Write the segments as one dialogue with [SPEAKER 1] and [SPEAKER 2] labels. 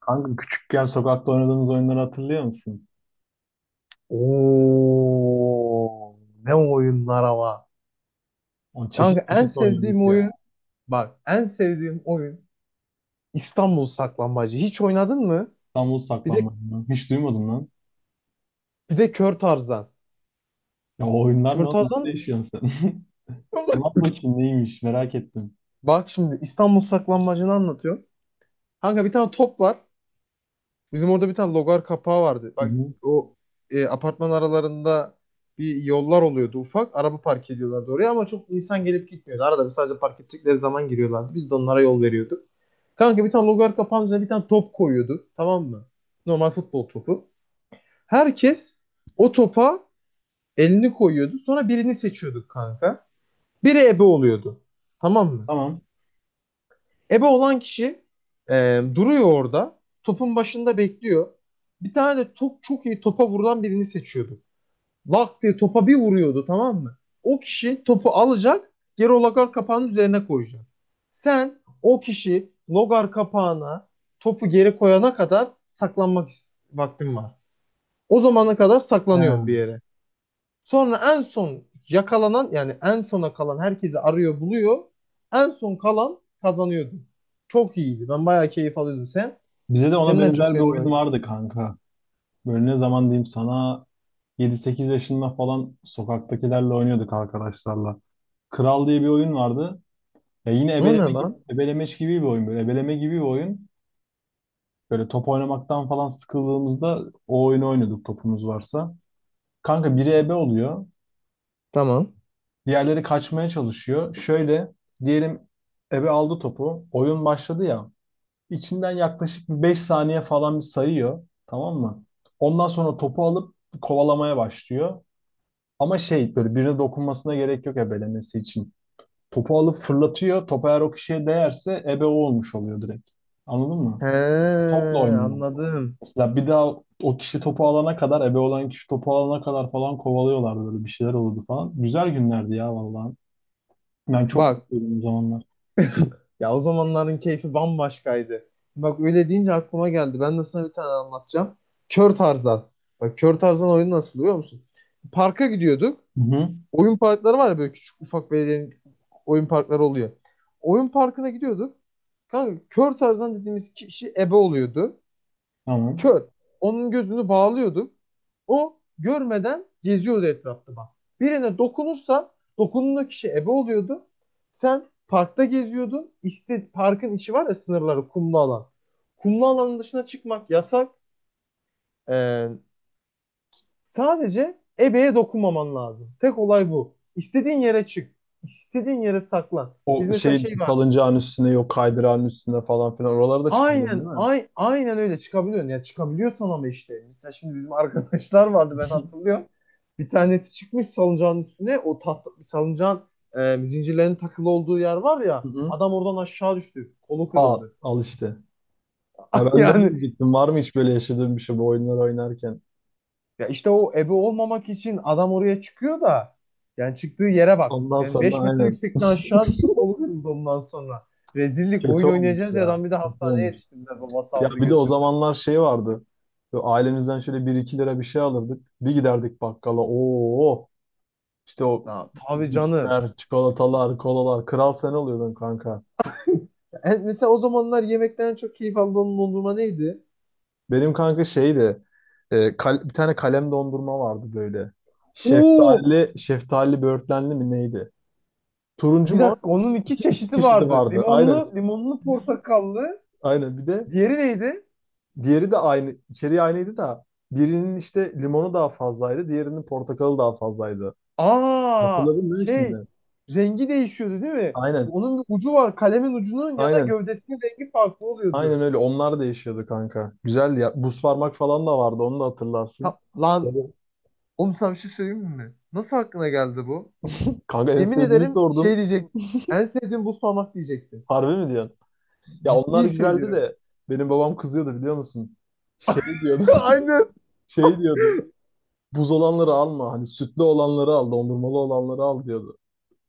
[SPEAKER 1] Kanka küçükken sokakta oynadığımız oyunları hatırlıyor musun?
[SPEAKER 2] Oo, ne oyunlar ama.
[SPEAKER 1] O
[SPEAKER 2] Kanka
[SPEAKER 1] çeşit
[SPEAKER 2] en
[SPEAKER 1] çeşit oynadık
[SPEAKER 2] sevdiğim
[SPEAKER 1] ya.
[SPEAKER 2] oyun bak en sevdiğim oyun İstanbul Saklambaçı. Hiç oynadın mı?
[SPEAKER 1] İstanbul
[SPEAKER 2] Bir de
[SPEAKER 1] saklambaç. Hiç duymadım lan.
[SPEAKER 2] bir de Kör Tarzan.
[SPEAKER 1] Ya o oyunlar ne
[SPEAKER 2] Kör
[SPEAKER 1] oğlum? Nerede
[SPEAKER 2] Tarzan
[SPEAKER 1] yaşıyorsun sen? Anlat bakayım neymiş merak ettim.
[SPEAKER 2] bak şimdi İstanbul Saklambaçı'nı anlatıyorum. Kanka bir tane top var. Bizim orada bir tane logar kapağı vardı.
[SPEAKER 1] Hı
[SPEAKER 2] Bak
[SPEAKER 1] hı.
[SPEAKER 2] o apartman aralarında bir yollar oluyordu ufak. Araba park ediyorlardı oraya ama çok insan gelip gitmiyordu. Arada bir sadece park edecekleri zaman giriyorlardı. Biz de onlara yol veriyorduk. Kanka bir tane logar kapağının üzerine bir tane top koyuyordu. Tamam mı? Normal futbol topu. Herkes o topa elini koyuyordu. Sonra birini seçiyorduk kanka. Biri ebe oluyordu. Tamam mı?
[SPEAKER 1] Tamam.
[SPEAKER 2] Ebe olan kişi duruyor orada. Topun başında bekliyor. Bir tane de top çok iyi topa vurulan birini seçiyorduk. Lak diye topa bir vuruyordu tamam mı? O kişi topu alacak, geri o lagar kapağının üzerine koyacak. Sen o kişi logar kapağına topu geri koyana kadar saklanmak vaktin var. O zamana kadar saklanıyorsun bir
[SPEAKER 1] He.
[SPEAKER 2] yere. Sonra en son yakalanan yani en sona kalan herkesi arıyor buluyor. En son kalan kazanıyordu. Çok iyiydi. Ben bayağı keyif alıyordum. Sen?
[SPEAKER 1] Bize de ona
[SPEAKER 2] Senin en çok
[SPEAKER 1] benzer bir
[SPEAKER 2] sevdiğin
[SPEAKER 1] oyun
[SPEAKER 2] oyun.
[SPEAKER 1] vardı kanka. Böyle ne zaman diyeyim sana. Yedi sekiz yaşında falan sokaktakilerle oynuyorduk arkadaşlarla. Kral diye bir oyun vardı. Ya yine
[SPEAKER 2] O ne
[SPEAKER 1] ebeleme gibi,
[SPEAKER 2] lan?
[SPEAKER 1] ebelemeç gibi bir oyun böyle. Ebeleme gibi bir oyun. Böyle top oynamaktan falan sıkıldığımızda o oyunu oynuyorduk topumuz varsa. Kanka biri ebe oluyor.
[SPEAKER 2] Tamam.
[SPEAKER 1] Diğerleri kaçmaya çalışıyor. Şöyle diyelim, ebe aldı topu. Oyun başladı ya. İçinden yaklaşık bir 5 saniye falan bir sayıyor. Tamam mı? Ondan sonra topu alıp kovalamaya başlıyor. Ama şey böyle birine dokunmasına gerek yok ebelemesi için. Topu alıp fırlatıyor. Top eğer o kişiye değerse ebe o olmuş oluyor direkt. Anladın mı?
[SPEAKER 2] He,
[SPEAKER 1] Topla oynuyor.
[SPEAKER 2] anladım.
[SPEAKER 1] Mesela bir daha o kişi topu alana kadar, ebe olan kişi topu alana kadar falan kovalıyorlardı, böyle bir şeyler olurdu falan. Güzel günlerdi ya vallahi. Ben çok
[SPEAKER 2] Bak.
[SPEAKER 1] mutluydum o zamanlar.
[SPEAKER 2] Ya o zamanların keyfi bambaşkaydı. Bak öyle deyince aklıma geldi. Ben de sana bir tane anlatacağım. Kör Tarzan. Bak Kör Tarzan oyunu nasıl biliyor musun? Parka gidiyorduk.
[SPEAKER 1] Hı hı.
[SPEAKER 2] Oyun parkları var ya böyle küçük ufak belediyenin oyun parkları oluyor. Oyun parkına gidiyorduk. Kanka Kör Tarzan dediğimiz kişi ebe oluyordu.
[SPEAKER 1] Tamam.
[SPEAKER 2] Kör. Onun gözünü bağlıyorduk. O görmeden geziyordu etrafta bak. Birine dokunursa dokunduğun kişi ebe oluyordu. Sen parkta geziyordun. İşte parkın içi var ya sınırları kumlu alan. Kumlu alanın dışına çıkmak yasak. Ee, Sadece ebeye dokunmaman lazım. Tek olay bu. İstediğin yere çık. İstediğin yere saklan. Biz
[SPEAKER 1] O
[SPEAKER 2] mesela
[SPEAKER 1] şey işte
[SPEAKER 2] şey var.
[SPEAKER 1] salıncağın üstüne yok kaydırağın üstüne falan filan oralarda çıkabiliyorum
[SPEAKER 2] Aynen,
[SPEAKER 1] değil mi?
[SPEAKER 2] ay, aynen öyle çıkabiliyorsun. Ya çıkabiliyorsun ama işte. Mesela şimdi bizim arkadaşlar vardı ben hatırlıyorum. Bir tanesi çıkmış salıncağın üstüne. O tahta, salıncağın zincirlerin takılı olduğu yer var
[SPEAKER 1] Hı
[SPEAKER 2] ya.
[SPEAKER 1] hı.
[SPEAKER 2] Adam oradan aşağı düştü. Kolu
[SPEAKER 1] Aa,
[SPEAKER 2] kırıldı.
[SPEAKER 1] al işte. Ya ben de onu
[SPEAKER 2] Yani
[SPEAKER 1] diyecektim. Var mı hiç böyle yaşadığım bir şey bu oyunlar oynarken?
[SPEAKER 2] ya işte o ebe olmamak için adam oraya çıkıyor da yani çıktığı yere bak.
[SPEAKER 1] Ondan
[SPEAKER 2] Yani
[SPEAKER 1] sonra
[SPEAKER 2] 5 metre
[SPEAKER 1] aynen.
[SPEAKER 2] yüksekten aşağı düştü kolu kırıldı ondan sonra. Rezillik
[SPEAKER 1] Kötü
[SPEAKER 2] oyun
[SPEAKER 1] olmuş
[SPEAKER 2] oynayacağız ya
[SPEAKER 1] ya.
[SPEAKER 2] adam bir de
[SPEAKER 1] Kötü
[SPEAKER 2] hastaneye
[SPEAKER 1] olmuş.
[SPEAKER 2] yetiştirdiler. Babası
[SPEAKER 1] Ya
[SPEAKER 2] aldı
[SPEAKER 1] bir de o
[SPEAKER 2] götürdü.
[SPEAKER 1] zamanlar şey vardı. Böyle ailemizden şöyle bir iki lira bir şey alırdık. Bir giderdik bakkala. Oo, işte o
[SPEAKER 2] Ya, tabii canım.
[SPEAKER 1] cipsler, çikolatalar, kolalar. Kral sen oluyordun kanka.
[SPEAKER 2] Evet, mesela o zamanlar yemekten çok keyif aldığım dondurma neydi?
[SPEAKER 1] Benim kanka şeydi. Bir tane kalem dondurma vardı böyle.
[SPEAKER 2] Oo,
[SPEAKER 1] Şeftali, şeftali böğürtlenli mi neydi? Turuncu
[SPEAKER 2] bir
[SPEAKER 1] mor.
[SPEAKER 2] dakika onun iki
[SPEAKER 1] İki, iki
[SPEAKER 2] çeşidi
[SPEAKER 1] çeşidi
[SPEAKER 2] vardı.
[SPEAKER 1] vardı. Aynen.
[SPEAKER 2] Limonlu, limonlu portakallı.
[SPEAKER 1] Aynen. Bir de
[SPEAKER 2] Diğeri neydi?
[SPEAKER 1] diğeri de aynı, içeriği aynıydı da birinin işte limonu daha fazlaydı. Diğerinin portakalı daha fazlaydı.
[SPEAKER 2] Aa,
[SPEAKER 1] Hatırladın mı şimdi?
[SPEAKER 2] şey rengi değişiyordu değil mi?
[SPEAKER 1] Aynen.
[SPEAKER 2] Onun bir ucu var. Kalemin ucunun ya da
[SPEAKER 1] Aynen.
[SPEAKER 2] gövdesinin rengi farklı
[SPEAKER 1] Aynen
[SPEAKER 2] oluyordu.
[SPEAKER 1] öyle. Onlar da yaşıyordu kanka. Güzeldi ya. Buz parmak falan da vardı. Onu da hatırlarsın. İşte-
[SPEAKER 2] Lan oğlum sana bir şey söyleyeyim mi? Nasıl aklına geldi bu?
[SPEAKER 1] Kanka en
[SPEAKER 2] Yemin
[SPEAKER 1] sevdiğimi
[SPEAKER 2] ederim şey
[SPEAKER 1] sordun.
[SPEAKER 2] diyecek. En sevdiğim buz parmak diyecektim.
[SPEAKER 1] Harbi mi diyorsun? Ya onlar
[SPEAKER 2] Ciddi
[SPEAKER 1] güzeldi
[SPEAKER 2] söylüyorum.
[SPEAKER 1] de benim babam kızıyordu biliyor musun? Şey diyordu.
[SPEAKER 2] Aynen.
[SPEAKER 1] Şey diyordu. Buz olanları alma. Hani sütlü olanları al. Dondurmalı olanları al diyordu.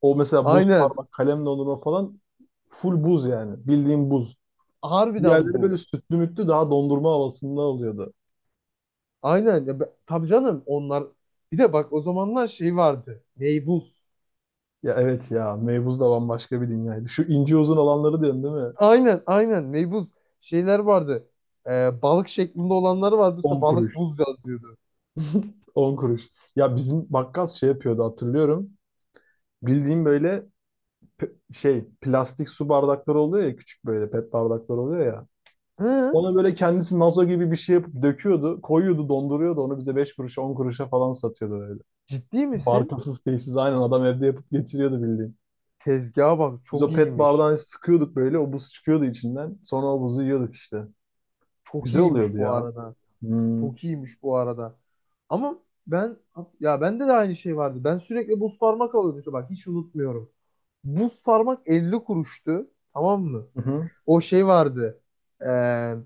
[SPEAKER 1] O mesela buz
[SPEAKER 2] Aynen.
[SPEAKER 1] parmak, kalem dondurma falan full buz yani. Bildiğim buz.
[SPEAKER 2] Harbiden
[SPEAKER 1] Diğerleri böyle
[SPEAKER 2] buz.
[SPEAKER 1] sütlü mütlü daha dondurma havasında oluyordu.
[SPEAKER 2] Aynen. Ya, tabii canım onlar. Bir de bak o zamanlar şey vardı. Meybuz.
[SPEAKER 1] Ya evet ya meybuz da bambaşka bir dünyaydı. Şu ince uzun olanları diyorsun değil mi?
[SPEAKER 2] Aynen aynen meybuz. Şeyler vardı. Balık şeklinde olanları vardı. Mesela
[SPEAKER 1] 10
[SPEAKER 2] balık
[SPEAKER 1] kuruş.
[SPEAKER 2] buz yazıyordu.
[SPEAKER 1] 10 kuruş. Ya bizim bakkal şey yapıyordu hatırlıyorum. Bildiğim böyle şey plastik su bardakları oluyor ya, küçük böyle pet bardakları oluyor ya.
[SPEAKER 2] Hı?
[SPEAKER 1] Ona böyle kendisi nazo gibi bir şey yapıp döküyordu. Koyuyordu donduruyordu onu bize 5 kuruşa 10 kuruşa falan satıyordu böyle.
[SPEAKER 2] Ciddi misin?
[SPEAKER 1] Markasız şeysiz aynen adam evde yapıp getiriyordu bildiğin.
[SPEAKER 2] Tezgaha bak
[SPEAKER 1] Biz
[SPEAKER 2] çok
[SPEAKER 1] o pet
[SPEAKER 2] iyiymiş.
[SPEAKER 1] bardağı sıkıyorduk böyle o buz çıkıyordu içinden. Sonra o buzu yiyorduk işte.
[SPEAKER 2] Çok
[SPEAKER 1] Güzel
[SPEAKER 2] iyiymiş
[SPEAKER 1] oluyordu
[SPEAKER 2] bu
[SPEAKER 1] ya.
[SPEAKER 2] arada.
[SPEAKER 1] Hmm.
[SPEAKER 2] Çok iyiymiş bu arada. Ama ben ya bende de aynı şey vardı. Ben sürekli buz parmak alıyordum. İşte bak hiç unutmuyorum. Buz parmak 50 kuruştu. Tamam mı?
[SPEAKER 1] Hı hı.
[SPEAKER 2] O şey vardı. Eee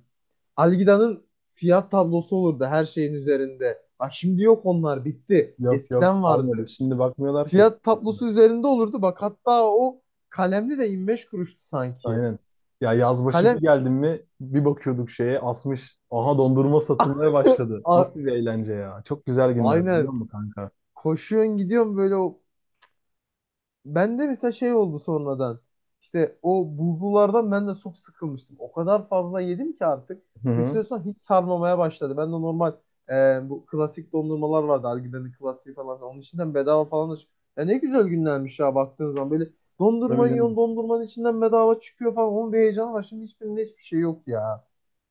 [SPEAKER 2] Algida'nın fiyat tablosu olurdu her şeyin üzerinde. Bak şimdi yok onlar bitti.
[SPEAKER 1] Yok yok
[SPEAKER 2] Eskiden
[SPEAKER 1] kalmadı.
[SPEAKER 2] vardı.
[SPEAKER 1] Şimdi bakmıyorlar ki.
[SPEAKER 2] Fiyat tablosu üzerinde olurdu. Bak hatta o kalemli de 25 kuruştu sanki.
[SPEAKER 1] Aynen. Ya yaz başı
[SPEAKER 2] Kalem
[SPEAKER 1] bir geldim mi bir bakıyorduk şeye asmış. Aha dondurma satılmaya başladı.
[SPEAKER 2] A-
[SPEAKER 1] Nasıl bir eğlence ya. Çok güzel günler biliyor
[SPEAKER 2] aynen.
[SPEAKER 1] musun kanka?
[SPEAKER 2] Koşuyorsun gidiyorsun böyle o. Ben de mesela şey oldu sonradan. İşte o buzlulardan ben de çok sıkılmıştım. O kadar fazla yedim ki artık.
[SPEAKER 1] Hı
[SPEAKER 2] Bir
[SPEAKER 1] hı.
[SPEAKER 2] süre sonra hiç sarmamaya başladı. Ben de normal bu klasik dondurmalar vardı. Algiden'in klasiği falan. Onun içinden bedava falan da çıkıyor. Ya ne güzel günlermiş ya baktığın zaman. Böyle
[SPEAKER 1] Tabii
[SPEAKER 2] dondurma
[SPEAKER 1] canım.
[SPEAKER 2] yiyorsun dondurmanın içinden bedava çıkıyor falan. Onun bir heyecanı var. Şimdi hiçbirinde hiçbir şey yok ya.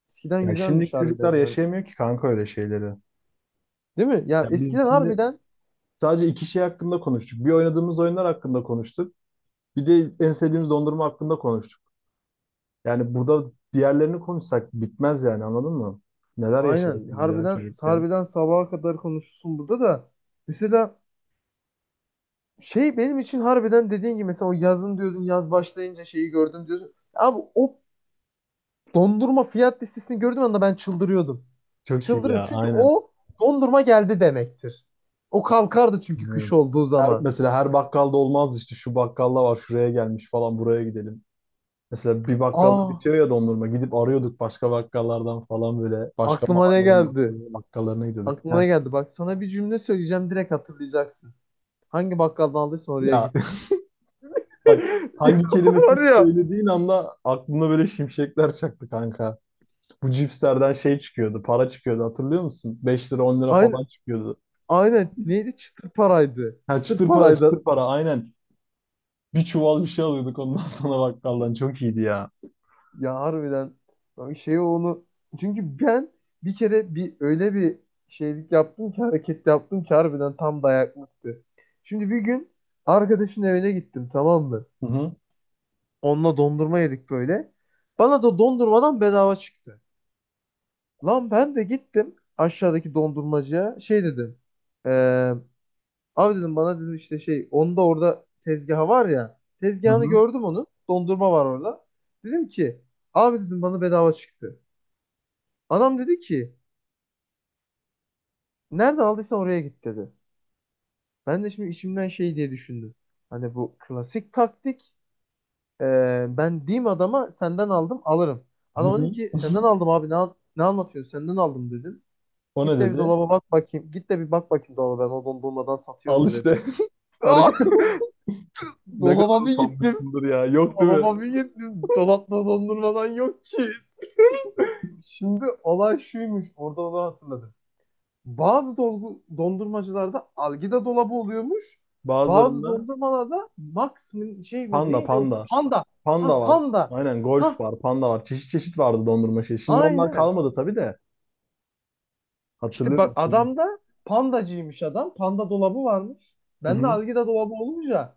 [SPEAKER 2] Eskiden
[SPEAKER 1] Ya şimdiki
[SPEAKER 2] güzelmiş
[SPEAKER 1] çocuklar
[SPEAKER 2] harbiden yani.
[SPEAKER 1] yaşayamıyor ki kanka öyle şeyleri.
[SPEAKER 2] Değil mi? Ya
[SPEAKER 1] Ya
[SPEAKER 2] eskiden
[SPEAKER 1] biz şimdi
[SPEAKER 2] harbiden
[SPEAKER 1] sadece iki şey hakkında konuştuk. Bir oynadığımız oyunlar hakkında konuştuk. Bir de en sevdiğimiz dondurma hakkında konuştuk. Yani burada diğerlerini konuşsak bitmez yani anladın mı? Neler yaşadık
[SPEAKER 2] aynen
[SPEAKER 1] biz ya
[SPEAKER 2] harbiden
[SPEAKER 1] çocukken.
[SPEAKER 2] harbiden sabaha kadar konuşursun burada da. Mesela şey benim için harbiden dediğin gibi mesela o yazın diyordun yaz başlayınca şeyi gördüm diyordun. Abi o dondurma fiyat listesini gördüğüm anda ben çıldırıyordum.
[SPEAKER 1] Çok iyi
[SPEAKER 2] Çıldırıyor
[SPEAKER 1] ya
[SPEAKER 2] çünkü
[SPEAKER 1] aynen.
[SPEAKER 2] o dondurma geldi demektir. O kalkardı çünkü
[SPEAKER 1] Ee,
[SPEAKER 2] kış olduğu
[SPEAKER 1] Her,
[SPEAKER 2] zaman.
[SPEAKER 1] mesela her bakkalda olmaz işte şu bakkalda var şuraya gelmiş falan buraya gidelim. Mesela bir bakkalda
[SPEAKER 2] Aa
[SPEAKER 1] bitiyor ya dondurma gidip arıyorduk başka bakkallardan falan böyle başka
[SPEAKER 2] aklıma ne
[SPEAKER 1] mahallenin
[SPEAKER 2] geldi?
[SPEAKER 1] bakkallarına gidiyorduk.
[SPEAKER 2] Aklıma
[SPEAKER 1] Heh.
[SPEAKER 2] ne geldi? Bak sana bir cümle söyleyeceğim direkt hatırlayacaksın. Hangi bakkaldan aldıysan oraya
[SPEAKER 1] Ya
[SPEAKER 2] git.
[SPEAKER 1] bak
[SPEAKER 2] Ya.
[SPEAKER 1] hangi kelimesini
[SPEAKER 2] Var ya.
[SPEAKER 1] söylediğin anda aklına böyle şimşekler çaktı kanka. Bu cipslerden şey çıkıyordu para çıkıyordu hatırlıyor musun? 5 lira 10 lira
[SPEAKER 2] Aynen,
[SPEAKER 1] falan çıkıyordu.
[SPEAKER 2] aynen. Neydi? Çıtır paraydı.
[SPEAKER 1] Ha
[SPEAKER 2] Çıtır
[SPEAKER 1] çıtır para
[SPEAKER 2] paraydı.
[SPEAKER 1] çıtır para aynen. Bir çuval bir şey alıyorduk ondan sonra bakkaldan çok iyiydi ya.
[SPEAKER 2] Ya harbiden bak şey onu çünkü ben bir kere bir öyle bir şeylik yaptım ki hareket yaptım ki harbiden tam dayaklıktı. Şimdi bir gün arkadaşın evine gittim tamam mı?
[SPEAKER 1] Hı hı.
[SPEAKER 2] Onunla dondurma yedik böyle. Bana da dondurmadan bedava çıktı. Lan ben de gittim aşağıdaki dondurmacıya şey dedim. Eee Abi dedim bana dedim işte şey onda orada tezgahı var ya.
[SPEAKER 1] Hı
[SPEAKER 2] Tezgahını
[SPEAKER 1] hı.
[SPEAKER 2] gördüm onun. Dondurma var orada. Dedim ki abi dedim bana bedava çıktı. Adam dedi ki nerede aldıysan oraya git dedi. Ben de şimdi içimden şey diye düşündüm. Hani bu klasik taktik. Ben diyeyim adama senden aldım alırım.
[SPEAKER 1] Hı
[SPEAKER 2] Adam dedim
[SPEAKER 1] hı.
[SPEAKER 2] ki senden aldım abi ne anlatıyorsun senden aldım dedim.
[SPEAKER 1] O
[SPEAKER 2] Git
[SPEAKER 1] ne
[SPEAKER 2] de bir
[SPEAKER 1] dedi?
[SPEAKER 2] dolaba bak bakayım. Git de bir bak bakayım dolaba ben o dondurmadan satıyor
[SPEAKER 1] Al
[SPEAKER 2] mu dedi.
[SPEAKER 1] işte.
[SPEAKER 2] Ah!
[SPEAKER 1] Hareket. Ne kadar
[SPEAKER 2] Dolaba bir gittim.
[SPEAKER 1] utanmışsındır ya. Yok değil mi?
[SPEAKER 2] Dolaba bir gittim. Dolapta dondurmadan yok ki. Şimdi olay şuymuş. Orada onu hatırladım. Bazı dondurmacılarda algida dolabı oluyormuş. Bazı
[SPEAKER 1] Bazılarında
[SPEAKER 2] dondurmalarda Max şey mi
[SPEAKER 1] panda
[SPEAKER 2] neydi o
[SPEAKER 1] panda.
[SPEAKER 2] panda. Ha
[SPEAKER 1] Panda var.
[SPEAKER 2] panda.
[SPEAKER 1] Aynen golf
[SPEAKER 2] Ha
[SPEAKER 1] var, panda var. Çeşit çeşit vardı dondurma şey. Şimdi onlar
[SPEAKER 2] aynen.
[SPEAKER 1] kalmadı tabii de.
[SPEAKER 2] İşte
[SPEAKER 1] Hatırlıyor
[SPEAKER 2] bak
[SPEAKER 1] musun?
[SPEAKER 2] adam da pandacıymış adam. Panda dolabı varmış.
[SPEAKER 1] Hı
[SPEAKER 2] Ben de
[SPEAKER 1] hı.
[SPEAKER 2] algida dolabı olunca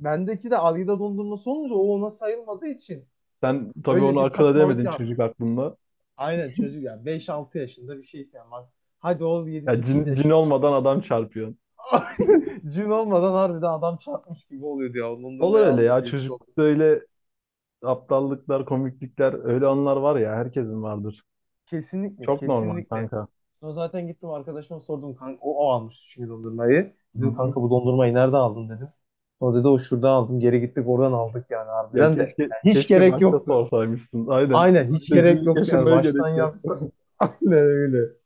[SPEAKER 2] bendeki de algida dondurması olunca o ona sayılmadığı için
[SPEAKER 1] Sen tabii onu
[SPEAKER 2] öyle bir
[SPEAKER 1] akıl
[SPEAKER 2] saçmalık
[SPEAKER 1] edemedin çocuk
[SPEAKER 2] yapmış.
[SPEAKER 1] aklında.
[SPEAKER 2] Aynen çocuk ya 5-6 yaşında bir şeysin ama hadi ol yedi
[SPEAKER 1] Ya
[SPEAKER 2] sekiz
[SPEAKER 1] cin, cin
[SPEAKER 2] yaşında.
[SPEAKER 1] olmadan adam çarpıyor.
[SPEAKER 2] Cin olmadan harbiden adam çarpmış gibi oluyordu ya.
[SPEAKER 1] Olur
[SPEAKER 2] Dondurmayı
[SPEAKER 1] öyle
[SPEAKER 2] aldık
[SPEAKER 1] ya.
[SPEAKER 2] rezil olduk.
[SPEAKER 1] Çocuklukta öyle aptallıklar, komiklikler, öyle anlar var ya herkesin vardır.
[SPEAKER 2] Kesinlikle
[SPEAKER 1] Çok normal
[SPEAKER 2] kesinlikle.
[SPEAKER 1] kanka.
[SPEAKER 2] Sonra zaten gittim arkadaşıma sordum. Kanka, o almıştı çünkü dondurmayı.
[SPEAKER 1] Hı
[SPEAKER 2] Dedim
[SPEAKER 1] hı.
[SPEAKER 2] kanka bu dondurmayı nerede aldın dedim. Sonra dedi o şurada aldım. Geri gittik oradan aldık yani
[SPEAKER 1] Ya
[SPEAKER 2] harbiden de.
[SPEAKER 1] keşke
[SPEAKER 2] Yani hiç
[SPEAKER 1] keşke
[SPEAKER 2] gerek
[SPEAKER 1] başta
[SPEAKER 2] yoktu.
[SPEAKER 1] sorsaymışsın. Aynen.
[SPEAKER 2] Aynen hiç gerek
[SPEAKER 1] Rezillik
[SPEAKER 2] yoktu yani.
[SPEAKER 1] yaşamaya gerek
[SPEAKER 2] Baştan
[SPEAKER 1] yok.
[SPEAKER 2] yapsa. Aynen öyle.